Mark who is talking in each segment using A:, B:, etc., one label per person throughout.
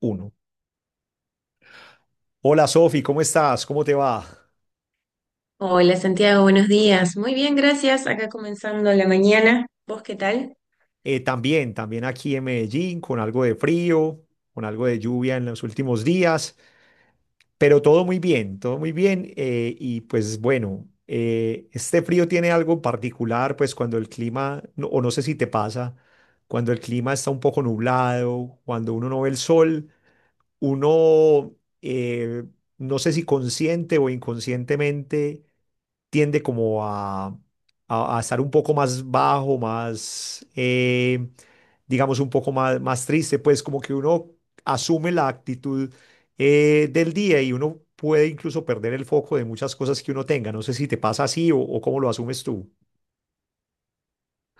A: Uno. Hola Sofi, ¿cómo estás? ¿Cómo te va?
B: Hola Santiago, buenos días. Muy bien, gracias. Acá comenzando la mañana. ¿Vos qué tal?
A: También aquí en Medellín, con algo de frío, con algo de lluvia en los últimos días, pero todo muy bien, todo muy bien. Y pues bueno, este frío tiene algo en particular, pues cuando el clima, o no sé si te pasa, cuando el clima está un poco nublado, cuando uno no ve el sol uno, eh, no sé si consciente o inconscientemente, tiende a estar un poco más bajo, digamos, un poco más triste, pues como que uno asume la actitud del día y uno puede incluso perder el foco de muchas cosas que uno tenga. No sé si te pasa así o cómo lo asumes tú.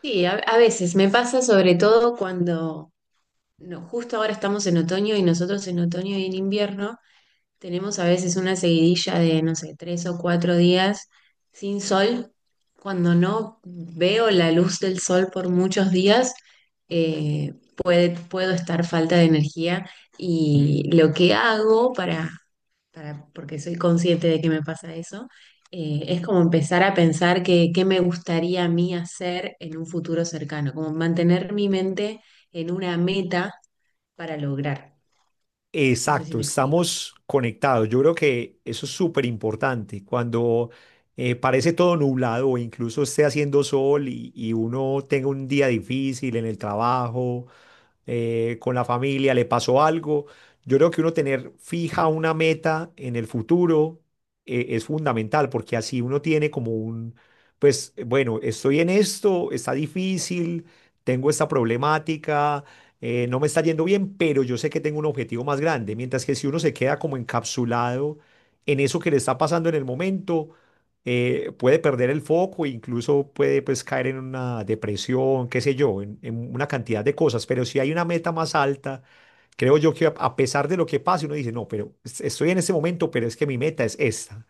B: Sí, a veces me pasa sobre todo cuando no, justo ahora estamos en otoño y nosotros en otoño y en invierno tenemos a veces una seguidilla de, no sé, 3 o 4 días sin sol. Cuando no veo la luz del sol por muchos días, puedo estar falta de energía y lo que hago para porque soy consciente de que me pasa eso, es como empezar a pensar qué me gustaría a mí hacer en un futuro cercano, como mantener mi mente en una meta para lograr. No sé si
A: Exacto,
B: me explico.
A: estamos conectados. Yo creo que eso es súper importante. Cuando parece todo nublado o incluso esté haciendo sol y uno tenga un día difícil en el trabajo, con la familia, le pasó algo, yo creo que uno tener fija una meta en el futuro es fundamental porque así uno tiene como un, pues bueno, estoy en esto, está difícil, tengo esta problemática no me está yendo bien, pero yo sé que tengo un objetivo más grande. Mientras que si uno se queda como encapsulado en eso que le está pasando en el momento, puede perder el foco e incluso puede pues caer en una depresión, qué sé yo, en una cantidad de cosas. Pero si hay una meta más alta, creo yo que a pesar de lo que pase, uno dice, no, pero estoy en este momento, pero es que mi meta es esta.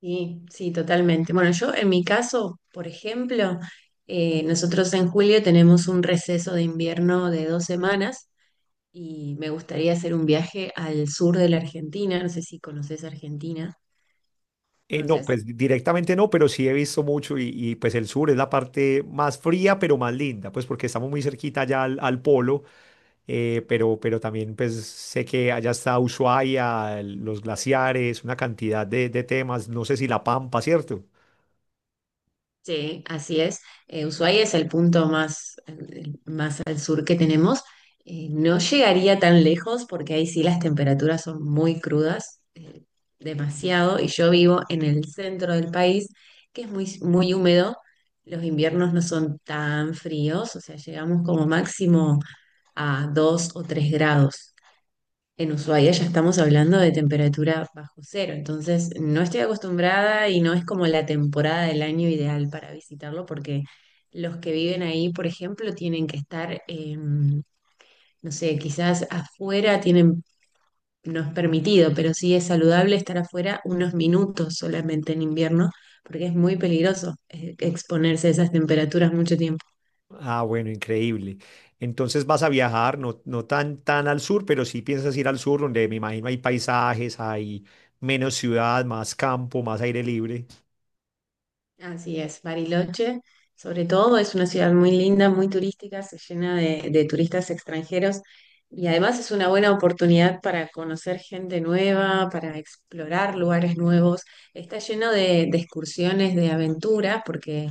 B: Sí, sí, totalmente. Bueno, yo en mi caso, por ejemplo, nosotros en julio tenemos un receso de invierno de 2 semanas y me gustaría hacer un viaje al sur de la Argentina. No sé si conoces Argentina.
A: No,
B: ¿Conoces?
A: pues directamente no, pero sí he visto mucho y pues el sur es la parte más fría, pero más linda, pues porque estamos muy cerquita ya al polo. Pero también pues sé que allá está Ushuaia, los glaciares, una cantidad de temas, no sé si La Pampa, ¿cierto?
B: Sí, así es. Ushuaia es el punto más, más al sur que tenemos. No llegaría tan lejos porque ahí sí las temperaturas son muy crudas, demasiado, y yo vivo en el centro del país, que es muy, muy húmedo. Los inviernos no son tan fríos, o sea, llegamos como máximo a 2 o 3 grados. En Ushuaia ya estamos hablando de temperatura bajo cero, entonces no estoy acostumbrada y no es como la temporada del año ideal para visitarlo porque los que viven ahí, por ejemplo, tienen que estar, no sé, quizás afuera tienen, no es permitido, pero sí es saludable estar afuera unos minutos solamente en invierno porque es muy peligroso exponerse a esas temperaturas mucho tiempo.
A: Ah, bueno, increíble. Entonces vas a viajar, no tan al sur, pero sí piensas ir al sur, donde me imagino hay paisajes, hay menos ciudad, más campo, más aire libre.
B: Así es, Bariloche, sobre todo, es una ciudad muy linda, muy turística, se llena de turistas extranjeros y además es una buena oportunidad para conocer gente nueva, para explorar lugares nuevos. Está lleno de excursiones, de aventuras, porque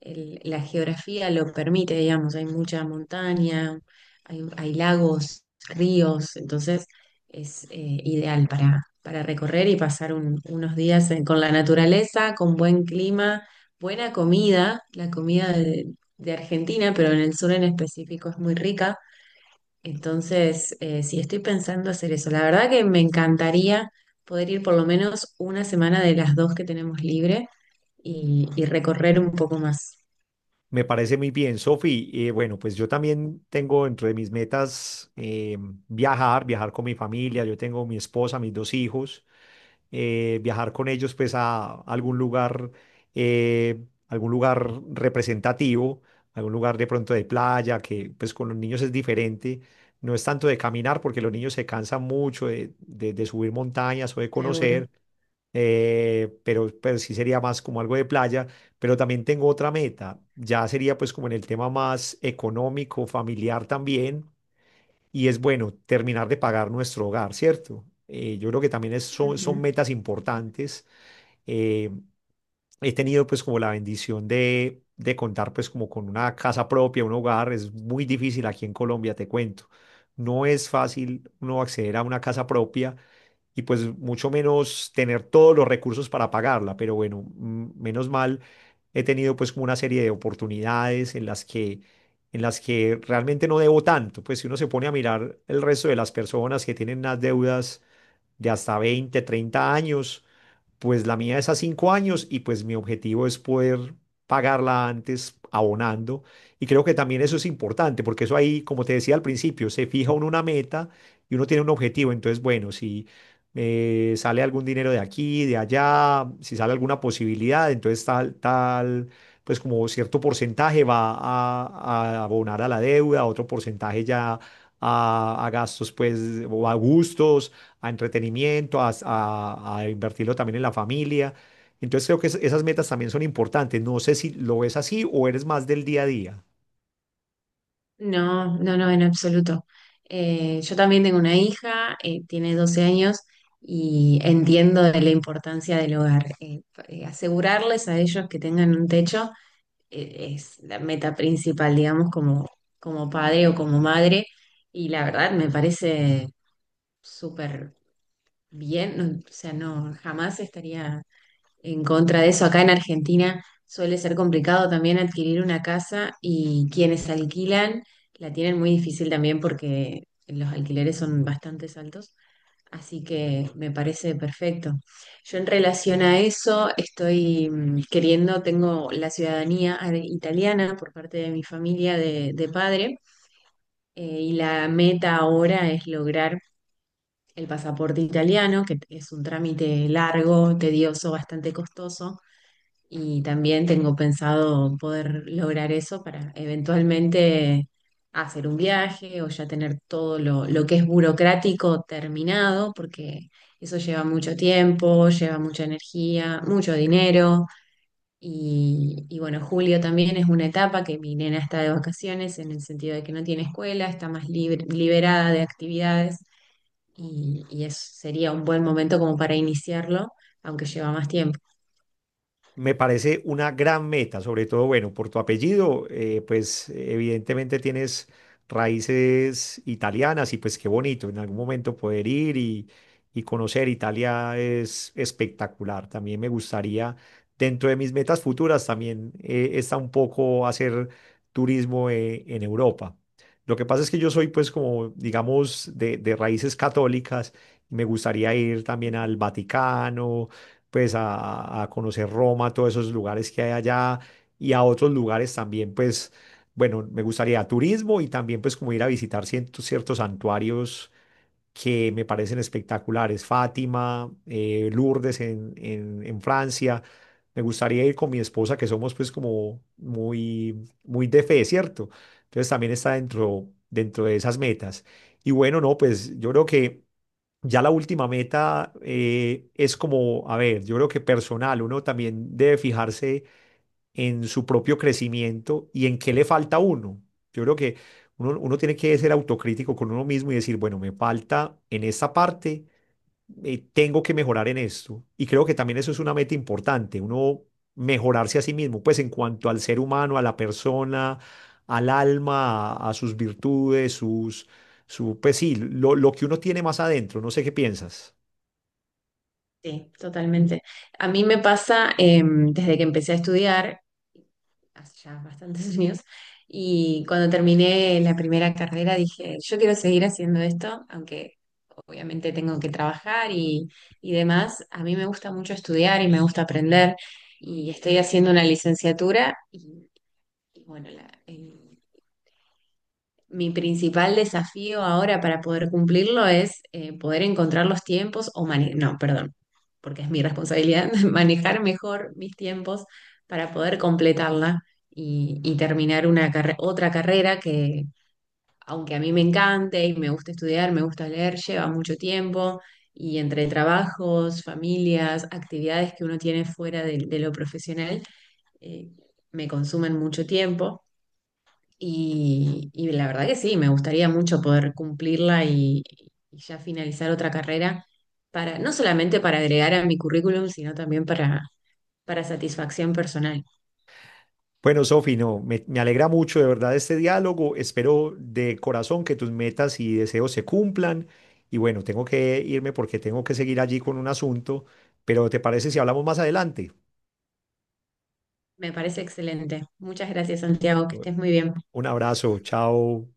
B: la geografía lo permite, digamos, hay mucha montaña, hay lagos, ríos, entonces es ideal para recorrer y pasar unos días con la naturaleza, con buen clima, buena comida, la comida de Argentina, pero en el sur en específico es muy rica. Entonces, sí, estoy pensando hacer eso. La verdad que me encantaría poder ir por lo menos una semana de las dos que tenemos libre y recorrer un poco más,
A: Me parece muy bien, Sofi. Bueno, pues yo también tengo dentro de mis metas viajar con mi familia. Yo tengo mi esposa, mis 2 hijos. Viajar con ellos pues a algún lugar representativo, algún lugar de pronto de playa, que pues con los niños es diferente. No es tanto de caminar porque los niños se cansan mucho de subir montañas o de
B: seguro.
A: conocer, pero sí sería más como algo de playa. Pero también tengo otra meta, ya sería pues como en el tema más económico, familiar también y es bueno terminar de pagar nuestro hogar, ¿cierto? Yo creo que también son
B: Ujú.
A: metas importantes. Eh, he tenido pues como la bendición de contar pues como con una casa propia, un hogar. Es muy difícil aquí en Colombia, te cuento. No es fácil uno acceder a una casa propia y pues mucho menos tener todos los recursos para pagarla, pero bueno, mm, menos mal he tenido pues como una serie de oportunidades en las que realmente no debo tanto, pues si uno se pone a mirar el resto de las personas que tienen unas deudas de hasta 20 o 30 años. Pues la mía es a 5 años y pues mi objetivo es poder pagarla antes abonando. Y creo que también eso es importante, porque eso ahí, como te decía al principio, se fija uno una meta y uno tiene un objetivo. Entonces, bueno, si sale algún dinero de aquí, de allá, si sale alguna posibilidad, entonces tal, tal, pues como cierto porcentaje va a abonar a la deuda, otro porcentaje ya a gastos, pues, o a gustos a entretenimiento, a invertirlo también en la familia. Entonces creo que esas metas también son importantes. No sé si lo ves así o eres más del día a día.
B: No, no, no, en absoluto. Yo también tengo una hija, tiene 12 años y entiendo de la importancia del hogar. Asegurarles a ellos que tengan un techo es la meta principal, digamos, como, como padre o como madre. Y la verdad me parece súper bien, o sea, no, jamás estaría en contra de eso. Acá en Argentina suele ser complicado también adquirir una casa y quienes alquilan la tienen muy difícil también porque los alquileres son bastante altos. Así que me parece perfecto. Yo en relación a eso estoy queriendo, tengo la ciudadanía italiana por parte de mi familia de padre y la meta ahora es lograr el pasaporte italiano, que es un trámite largo, tedioso, bastante costoso y también tengo pensado poder lograr eso para eventualmente hacer un viaje o ya tener todo lo que es burocrático terminado, porque eso lleva mucho tiempo, lleva mucha energía, mucho dinero. Y bueno, julio también es una etapa que mi nena está de vacaciones en el sentido de que no tiene escuela, está más liberada de actividades y sería un buen momento como para iniciarlo, aunque lleva más tiempo.
A: Me parece una gran meta, sobre todo, bueno, por tu apellido, pues evidentemente tienes raíces italianas y pues qué bonito en algún momento poder ir y conocer Italia es espectacular. También me gustaría, dentro de mis metas futuras, también está un poco hacer turismo en Europa. Lo que pasa es que yo soy pues como, digamos, de raíces católicas y me gustaría ir también al Vaticano pues a conocer Roma, todos esos lugares que hay allá y a otros lugares también, pues bueno, me gustaría turismo y también pues como ir a visitar ciertos santuarios que me parecen espectaculares, Fátima, Lourdes en Francia. Me gustaría ir con mi esposa, que somos pues como muy de fe, ¿cierto? Entonces también está dentro de esas metas. Y bueno, no, pues yo creo que ya la última meta es como, a ver, yo creo que personal, uno también debe fijarse en su propio crecimiento y en qué le falta a uno. Yo creo que uno tiene que ser autocrítico con uno mismo y decir, bueno, me falta en esta parte, tengo que mejorar en esto. Y creo que también eso es una meta importante, uno mejorarse a sí mismo, pues en cuanto al ser humano, a la persona, al alma, a sus virtudes, sus, su, pues sí, lo que uno tiene más adentro. No sé qué piensas.
B: Sí, totalmente. A mí me pasa desde que empecé a estudiar, hace ya bastantes años, y cuando terminé la primera carrera dije, yo quiero seguir haciendo esto, aunque obviamente tengo que trabajar y demás. A mí me gusta mucho estudiar y me gusta aprender, y estoy haciendo una licenciatura y bueno, mi principal desafío ahora para poder cumplirlo es poder encontrar los tiempos o mane- no, perdón, porque es mi responsabilidad manejar mejor mis tiempos para poder completarla y terminar una otra carrera que, aunque a mí me encante y me gusta estudiar, me gusta leer, lleva mucho tiempo y entre trabajos, familias, actividades que uno tiene fuera de lo profesional, eh, me consumen mucho tiempo. Y la verdad que sí, me gustaría mucho poder cumplirla y ya finalizar otra carrera para, no solamente para agregar a mi currículum, sino también para satisfacción personal.
A: Bueno, Sofi, no, me alegra mucho de verdad este diálogo. Espero de corazón que tus metas y deseos se cumplan. Y bueno, tengo que irme porque tengo que seguir allí con un asunto, pero ¿te parece si hablamos más adelante?
B: Me parece excelente. Muchas gracias, Santiago, que estés muy bien.
A: Un abrazo, chao.